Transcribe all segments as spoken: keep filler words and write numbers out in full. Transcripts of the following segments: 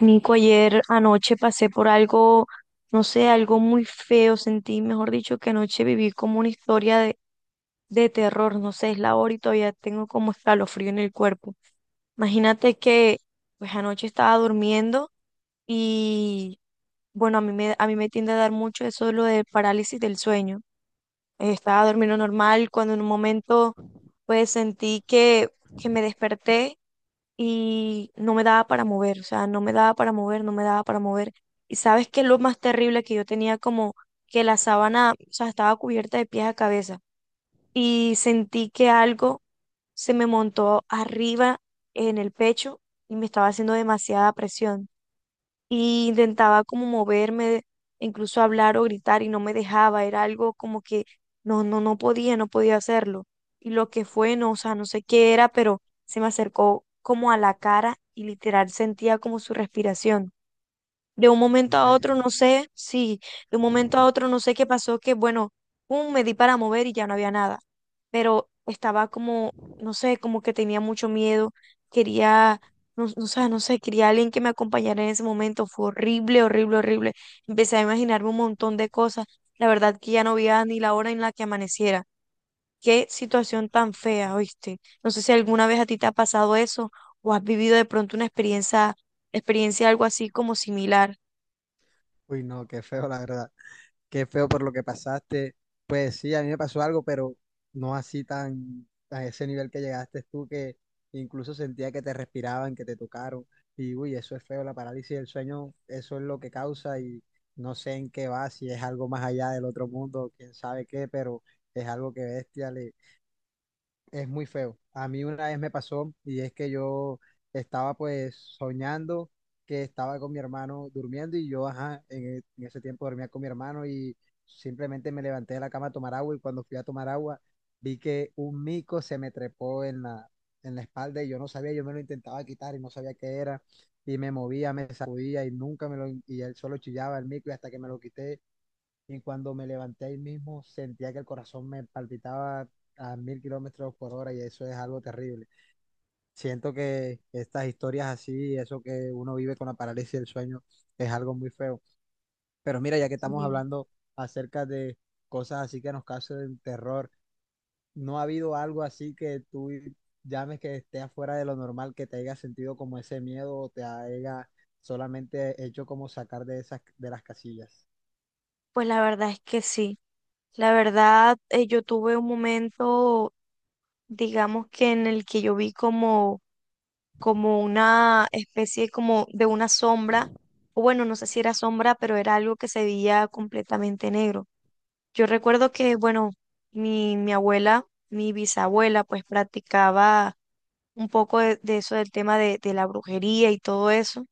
Nico, ayer anoche pasé por algo, no sé, algo muy feo, sentí, mejor dicho, que anoche viví como una historia de, de terror, no sé, es la hora y todavía tengo como escalofrío en el cuerpo. Imagínate que, pues anoche estaba durmiendo y, bueno, a mí me, a mí me tiende a dar mucho eso de lo de parálisis del sueño. Eh, Estaba durmiendo normal cuando en un momento, pues sentí que, que me desperté y no me daba para mover, o sea, no me daba para mover, no me daba para mover. Y sabes qué es lo más terrible, que yo tenía como que la sábana, o sea, estaba cubierta de pies a cabeza y sentí que algo se me montó arriba en el pecho y me estaba haciendo demasiada presión y intentaba como moverme, incluso hablar o gritar y no me dejaba, era algo como que no, no, no podía, no podía hacerlo. Y lo que fue, no, o sea, no sé qué era, pero se me acercó como a la cara y literal sentía como su respiración. De un momento a Ve- otro, no sé, sí, de un momento a otro, no sé qué pasó, que bueno, pum, me di para mover y ya no había nada. Pero estaba como, no sé, como que tenía mucho miedo, quería, no, no, sé, no sé, quería alguien que me acompañara en ese momento. Fue horrible, horrible, horrible. Empecé a imaginarme un montón de cosas. La verdad que ya no veía ni la hora en la que amaneciera. Qué situación tan fea, ¿oíste? No sé si alguna vez a ti te ha pasado eso o has vivido de pronto una experiencia, experiencia algo así como similar. Uy, no, qué feo, la verdad. Qué feo por lo que pasaste. Pues sí, a mí me pasó algo, pero no así tan a ese nivel que llegaste tú, que incluso sentía que te respiraban, que te tocaron. Y uy, eso es feo, la parálisis del sueño, eso es lo que causa y no sé en qué va, si es algo más allá del otro mundo, quién sabe qué, pero es algo que bestia es muy feo. A mí una vez me pasó y es que yo estaba pues soñando que estaba con mi hermano durmiendo y yo, ajá, en, e- en ese tiempo dormía con mi hermano y simplemente me levanté de la cama a tomar agua y cuando fui a tomar agua vi que un mico se me trepó en la, en la espalda y yo no sabía, yo me lo intentaba quitar y no sabía qué era y me movía, me sacudía y nunca me lo, y él solo chillaba el mico y hasta que me lo quité y cuando me levanté ahí mismo, sentía que el corazón me palpitaba a mil kilómetros por hora y eso es algo terrible. Siento que estas historias así, eso que uno vive con la parálisis del sueño, es algo muy feo. Pero mira, ya que estamos hablando acerca de cosas así que nos causen terror, ¿no ha habido algo así que tú llames que esté afuera de lo normal, que te haya sentido como ese miedo o te haya solamente hecho como sacar de esas, de las casillas? Pues la verdad es que sí. La verdad, eh, yo tuve un momento, digamos, que en el que yo vi como, como una especie como de una sombra, o bueno, no sé si era sombra, pero era algo que se veía completamente negro. Yo recuerdo que, bueno, mi, mi abuela, mi bisabuela, pues practicaba un poco de, de eso del tema de, de la brujería y todo eso.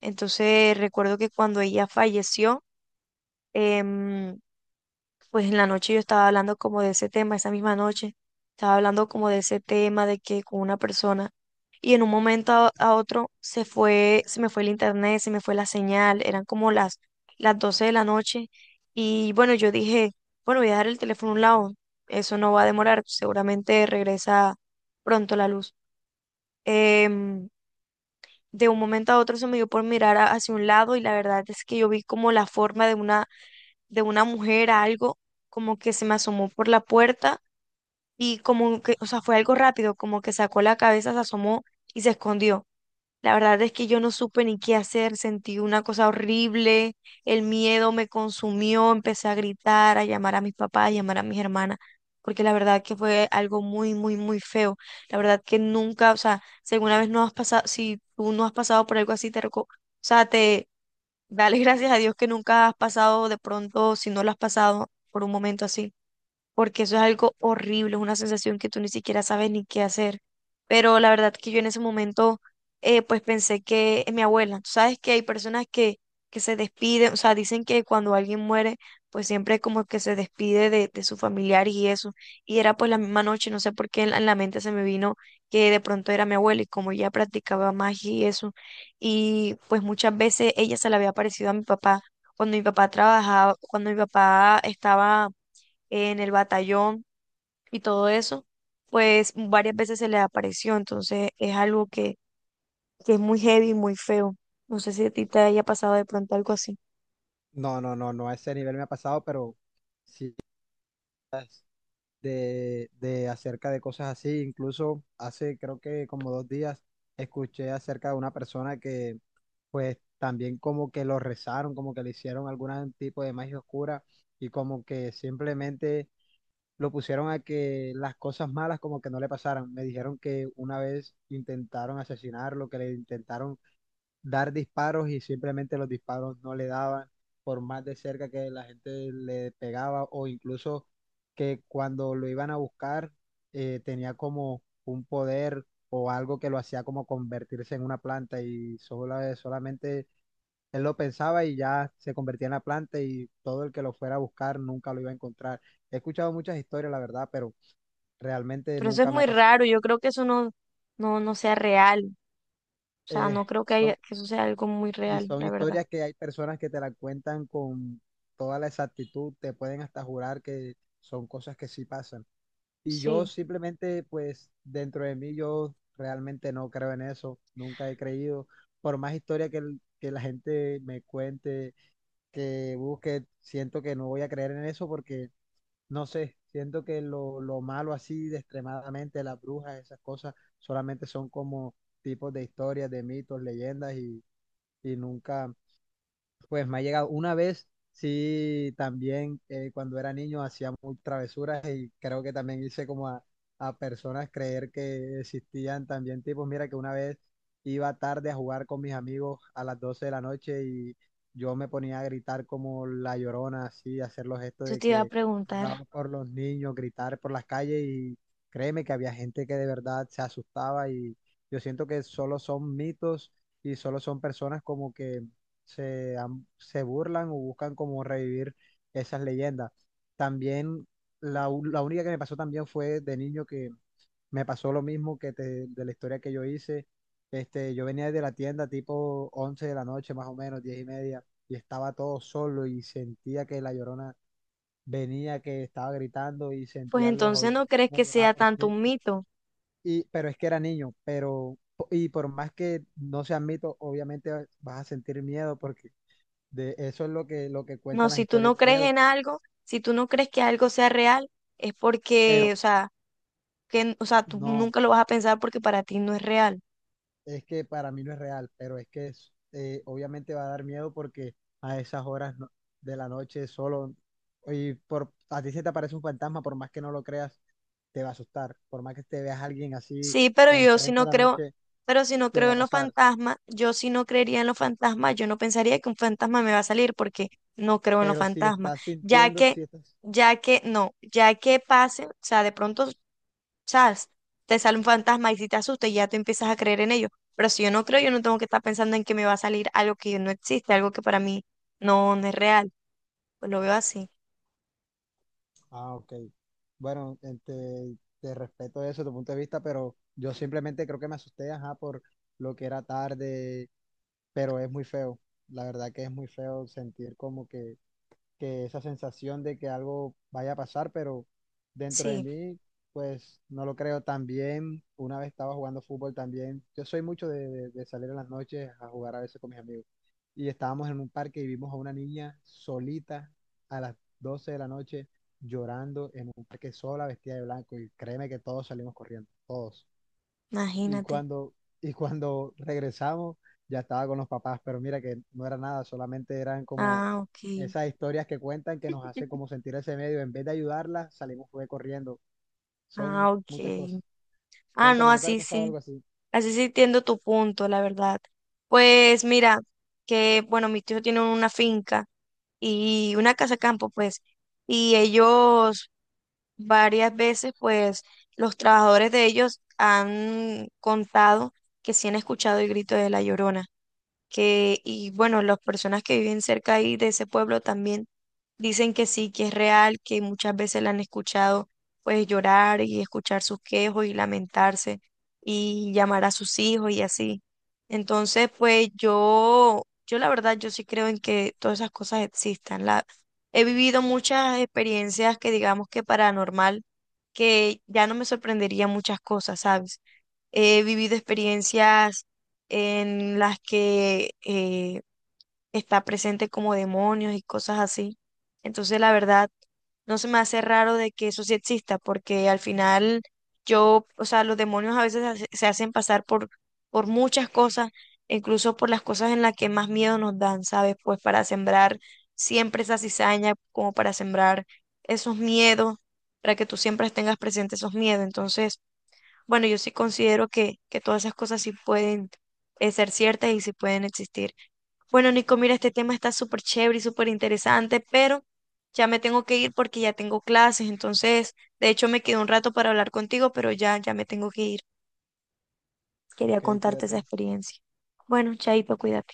Entonces recuerdo que cuando ella falleció, em, pues en la noche yo estaba hablando como de ese tema, esa misma noche, estaba hablando como de ese tema de que con una persona y en un momento a, a otro se fue, se me fue el internet, se me fue la señal, eran como las, las doce de la noche y bueno, yo dije, bueno, voy a dejar el teléfono a un lado, eso no va a demorar, seguramente regresa pronto la luz. Em, de un momento a otro se me dio por mirar a- hacia un lado y la verdad es que yo vi como la forma de una, de una mujer a algo, como que se me asomó por la puerta y como que, o sea, fue algo rápido, como que sacó la cabeza, se asomó y se escondió. La verdad es que yo no supe ni qué hacer, sentí una cosa horrible, el miedo me consumió, empecé a gritar, a llamar a mis papás, a llamar a mis hermanas, porque la verdad que fue algo muy, muy, muy feo. La verdad que nunca, o sea, si alguna vez no has pasado, si tú no has pasado por algo así, te, reco- o sea, te, Dale gracias a Dios que nunca has pasado de pronto, si no lo has pasado, por un momento así, porque eso es algo horrible, es una sensación que tú ni siquiera sabes ni qué hacer. Pero la verdad que yo en ese momento, eh, pues pensé que mi abuela, tú sabes que hay personas que, que se despiden, o sea, dicen que cuando alguien muere, pues siempre como que se despide de, de su familiar y eso. Y era pues la misma noche, no sé por qué en la, en la mente se me vino que de pronto era mi abuela y como ella practicaba magia y eso, y pues muchas veces ella se le había parecido a mi papá. Cuando mi papá trabajaba, cuando mi papá estaba en el batallón y todo eso, pues varias veces se les apareció, entonces es algo que, que es muy heavy, y muy feo. No sé si a ti te haya pasado de pronto algo así, No, no, no, no a ese nivel me ha pasado, pero sí de, de acerca de cosas así. Incluso hace creo que como dos días escuché acerca de una persona que pues también como que lo rezaron, como que le hicieron algún tipo de magia oscura y como que simplemente lo pusieron a que las cosas malas como que no le pasaran. Me dijeron que una vez intentaron asesinarlo, que le intentaron dar disparos y simplemente los disparos no le daban, por más de cerca que la gente le pegaba o incluso que cuando lo iban a buscar eh, tenía como un poder o algo que lo hacía como convertirse en una planta y solo, solamente él lo pensaba y ya se convertía en la planta y todo el que lo fuera a buscar nunca lo iba a encontrar. He escuchado muchas historias, la verdad, pero realmente pero eso es nunca me ha muy pasado. raro, yo creo que eso no, no, no sea real, o sea, Eh, no creo que, haya- son que eso sea algo muy Y real, son la verdad. historias que hay personas que te la cuentan con toda la exactitud, te pueden hasta jurar que son cosas que sí pasan. Y yo Sí, simplemente, pues dentro de mí, yo realmente no creo en eso, nunca he creído. Por más historia que, el- que la gente me cuente, que busque, siento que no voy a creer en eso porque, no sé, siento que lo, lo malo así de extremadamente, las brujas, esas cosas, solamente son como tipos de historias, de mitos, leyendas y, y nunca pues me ha llegado una vez, sí, también eh, cuando era niño hacía muy travesuras y creo que también hice como a, a personas creer que existían también tipos. Mira que una vez iba tarde a jugar con mis amigos a las doce de la noche y yo me ponía a gritar como la llorona, así, hacer los gestos yo de te iba a que preguntar, lloraba por los niños, gritar por las calles y créeme que había gente que de verdad se asustaba y yo siento que solo son mitos y solo son personas como que se, am- se burlan o buscan como revivir esas leyendas. También la, u- la única que me pasó también fue de niño que me pasó lo mismo que te- de la historia que yo hice. Este, yo venía de la tienda tipo once de la noche, más o menos, diez y media, y estaba todo solo y sentía que la llorona venía, que estaba gritando y pues sentía los entonces, oídos ¿no crees como que lloraba sea por su tanto un niño. mito? Y, pero es que era niño, pero, y por más que no sea mito, obviamente vas a sentir miedo porque de eso es lo que, lo que No, cuentan las si tú historias no de crees miedo. en algo, si tú no crees que algo sea real, es porque, Pero o sea, que, o sea, tú no, nunca lo vas a pensar porque para ti no es real. es que para mí no es real, pero es que es, eh, obviamente va a dar miedo porque a esas horas no- de la noche solo, y por, a ti se te aparece un fantasma, por más que no lo creas, te va a asustar. Por más que te veas a alguien así Sí, pero yo si enfrente de no la creo, noche, pero si no te creo va a en los pasar. fantasmas, yo si no creería en los fantasmas, yo no pensaría que un fantasma me va a salir porque no creo en los Pero si fantasmas, estás ya sintiendo, que, si estás... ya que, no, ya que pase, o sea, de pronto, sabes, te sale un fantasma y si te asustas ya tú empiezas a creer en ello, pero si yo no creo, yo no tengo que estar pensando en que me va a salir algo que no existe, algo que para mí no, no es real, pues lo veo así, Ah, ok. Bueno, eh, te, te respeto eso, tu punto de vista, pero yo simplemente creo que me asusté, ajá, por lo que era tarde pero es muy feo. La verdad que es muy feo sentir como que, que esa sensación de que algo vaya a pasar, pero dentro de sí, mí, pues no lo creo también. Una vez estaba jugando fútbol también. Yo soy mucho de, de- de salir en las noches a jugar a veces con mis amigos. Y estábamos en un parque y vimos a una niña solita a las doce de la noche llorando en un parque sola, vestida de blanco. Y créeme que todos salimos corriendo, todos. Y imagínate, cuando, y cuando regresamos, ya estaba con los papás, pero mira que no era nada, solamente eran como ah, ok, esas historias que cuentan que nos hacen como sentir ese medio. En vez de ayudarlas, salimos fue corriendo. ah, Son muchas cosas. ok, ah, no, Cuéntame, ¿no te ha así pasado sí. algo así? Así sí entiendo tu punto, la verdad. Pues mira, que bueno, mi tío tiene una finca y una casa campo, pues, y ellos varias veces, pues, los trabajadores de ellos han contado que sí han escuchado el grito de la Llorona, que, y bueno, las personas que viven cerca ahí de ese pueblo también dicen que sí, que es real, que muchas veces la han escuchado pues llorar y escuchar sus quejos y lamentarse y llamar a sus hijos y así. Entonces, pues yo, yo la verdad, yo sí creo en que todas esas cosas existan. La, he vivido muchas experiencias que digamos que paranormal, que ya no me sorprendería muchas cosas, ¿sabes? He vivido experiencias en las que eh, está presente como demonios y cosas así. Entonces, la verdad, no se me hace raro de que eso sí exista, porque al final yo, o sea, los demonios a veces hace- se hacen pasar por, por muchas cosas, incluso por las cosas en las que más miedo nos dan, ¿sabes? Pues para sembrar siempre esa cizaña, como para sembrar esos miedos, para que tú siempre tengas presente esos miedos. Entonces... Bueno, yo sí considero que, que todas esas cosas sí pueden eh, ser ciertas y sí pueden existir. Bueno, Nico, mira, este tema está súper chévere y súper interesante, pero ya me tengo que ir porque ya tengo clases, entonces, de hecho, me quedó un rato para hablar contigo, pero ya, ya me tengo que ir. Quería Ok, contarte esa cuídate. experiencia. Bueno, chaito, cuídate.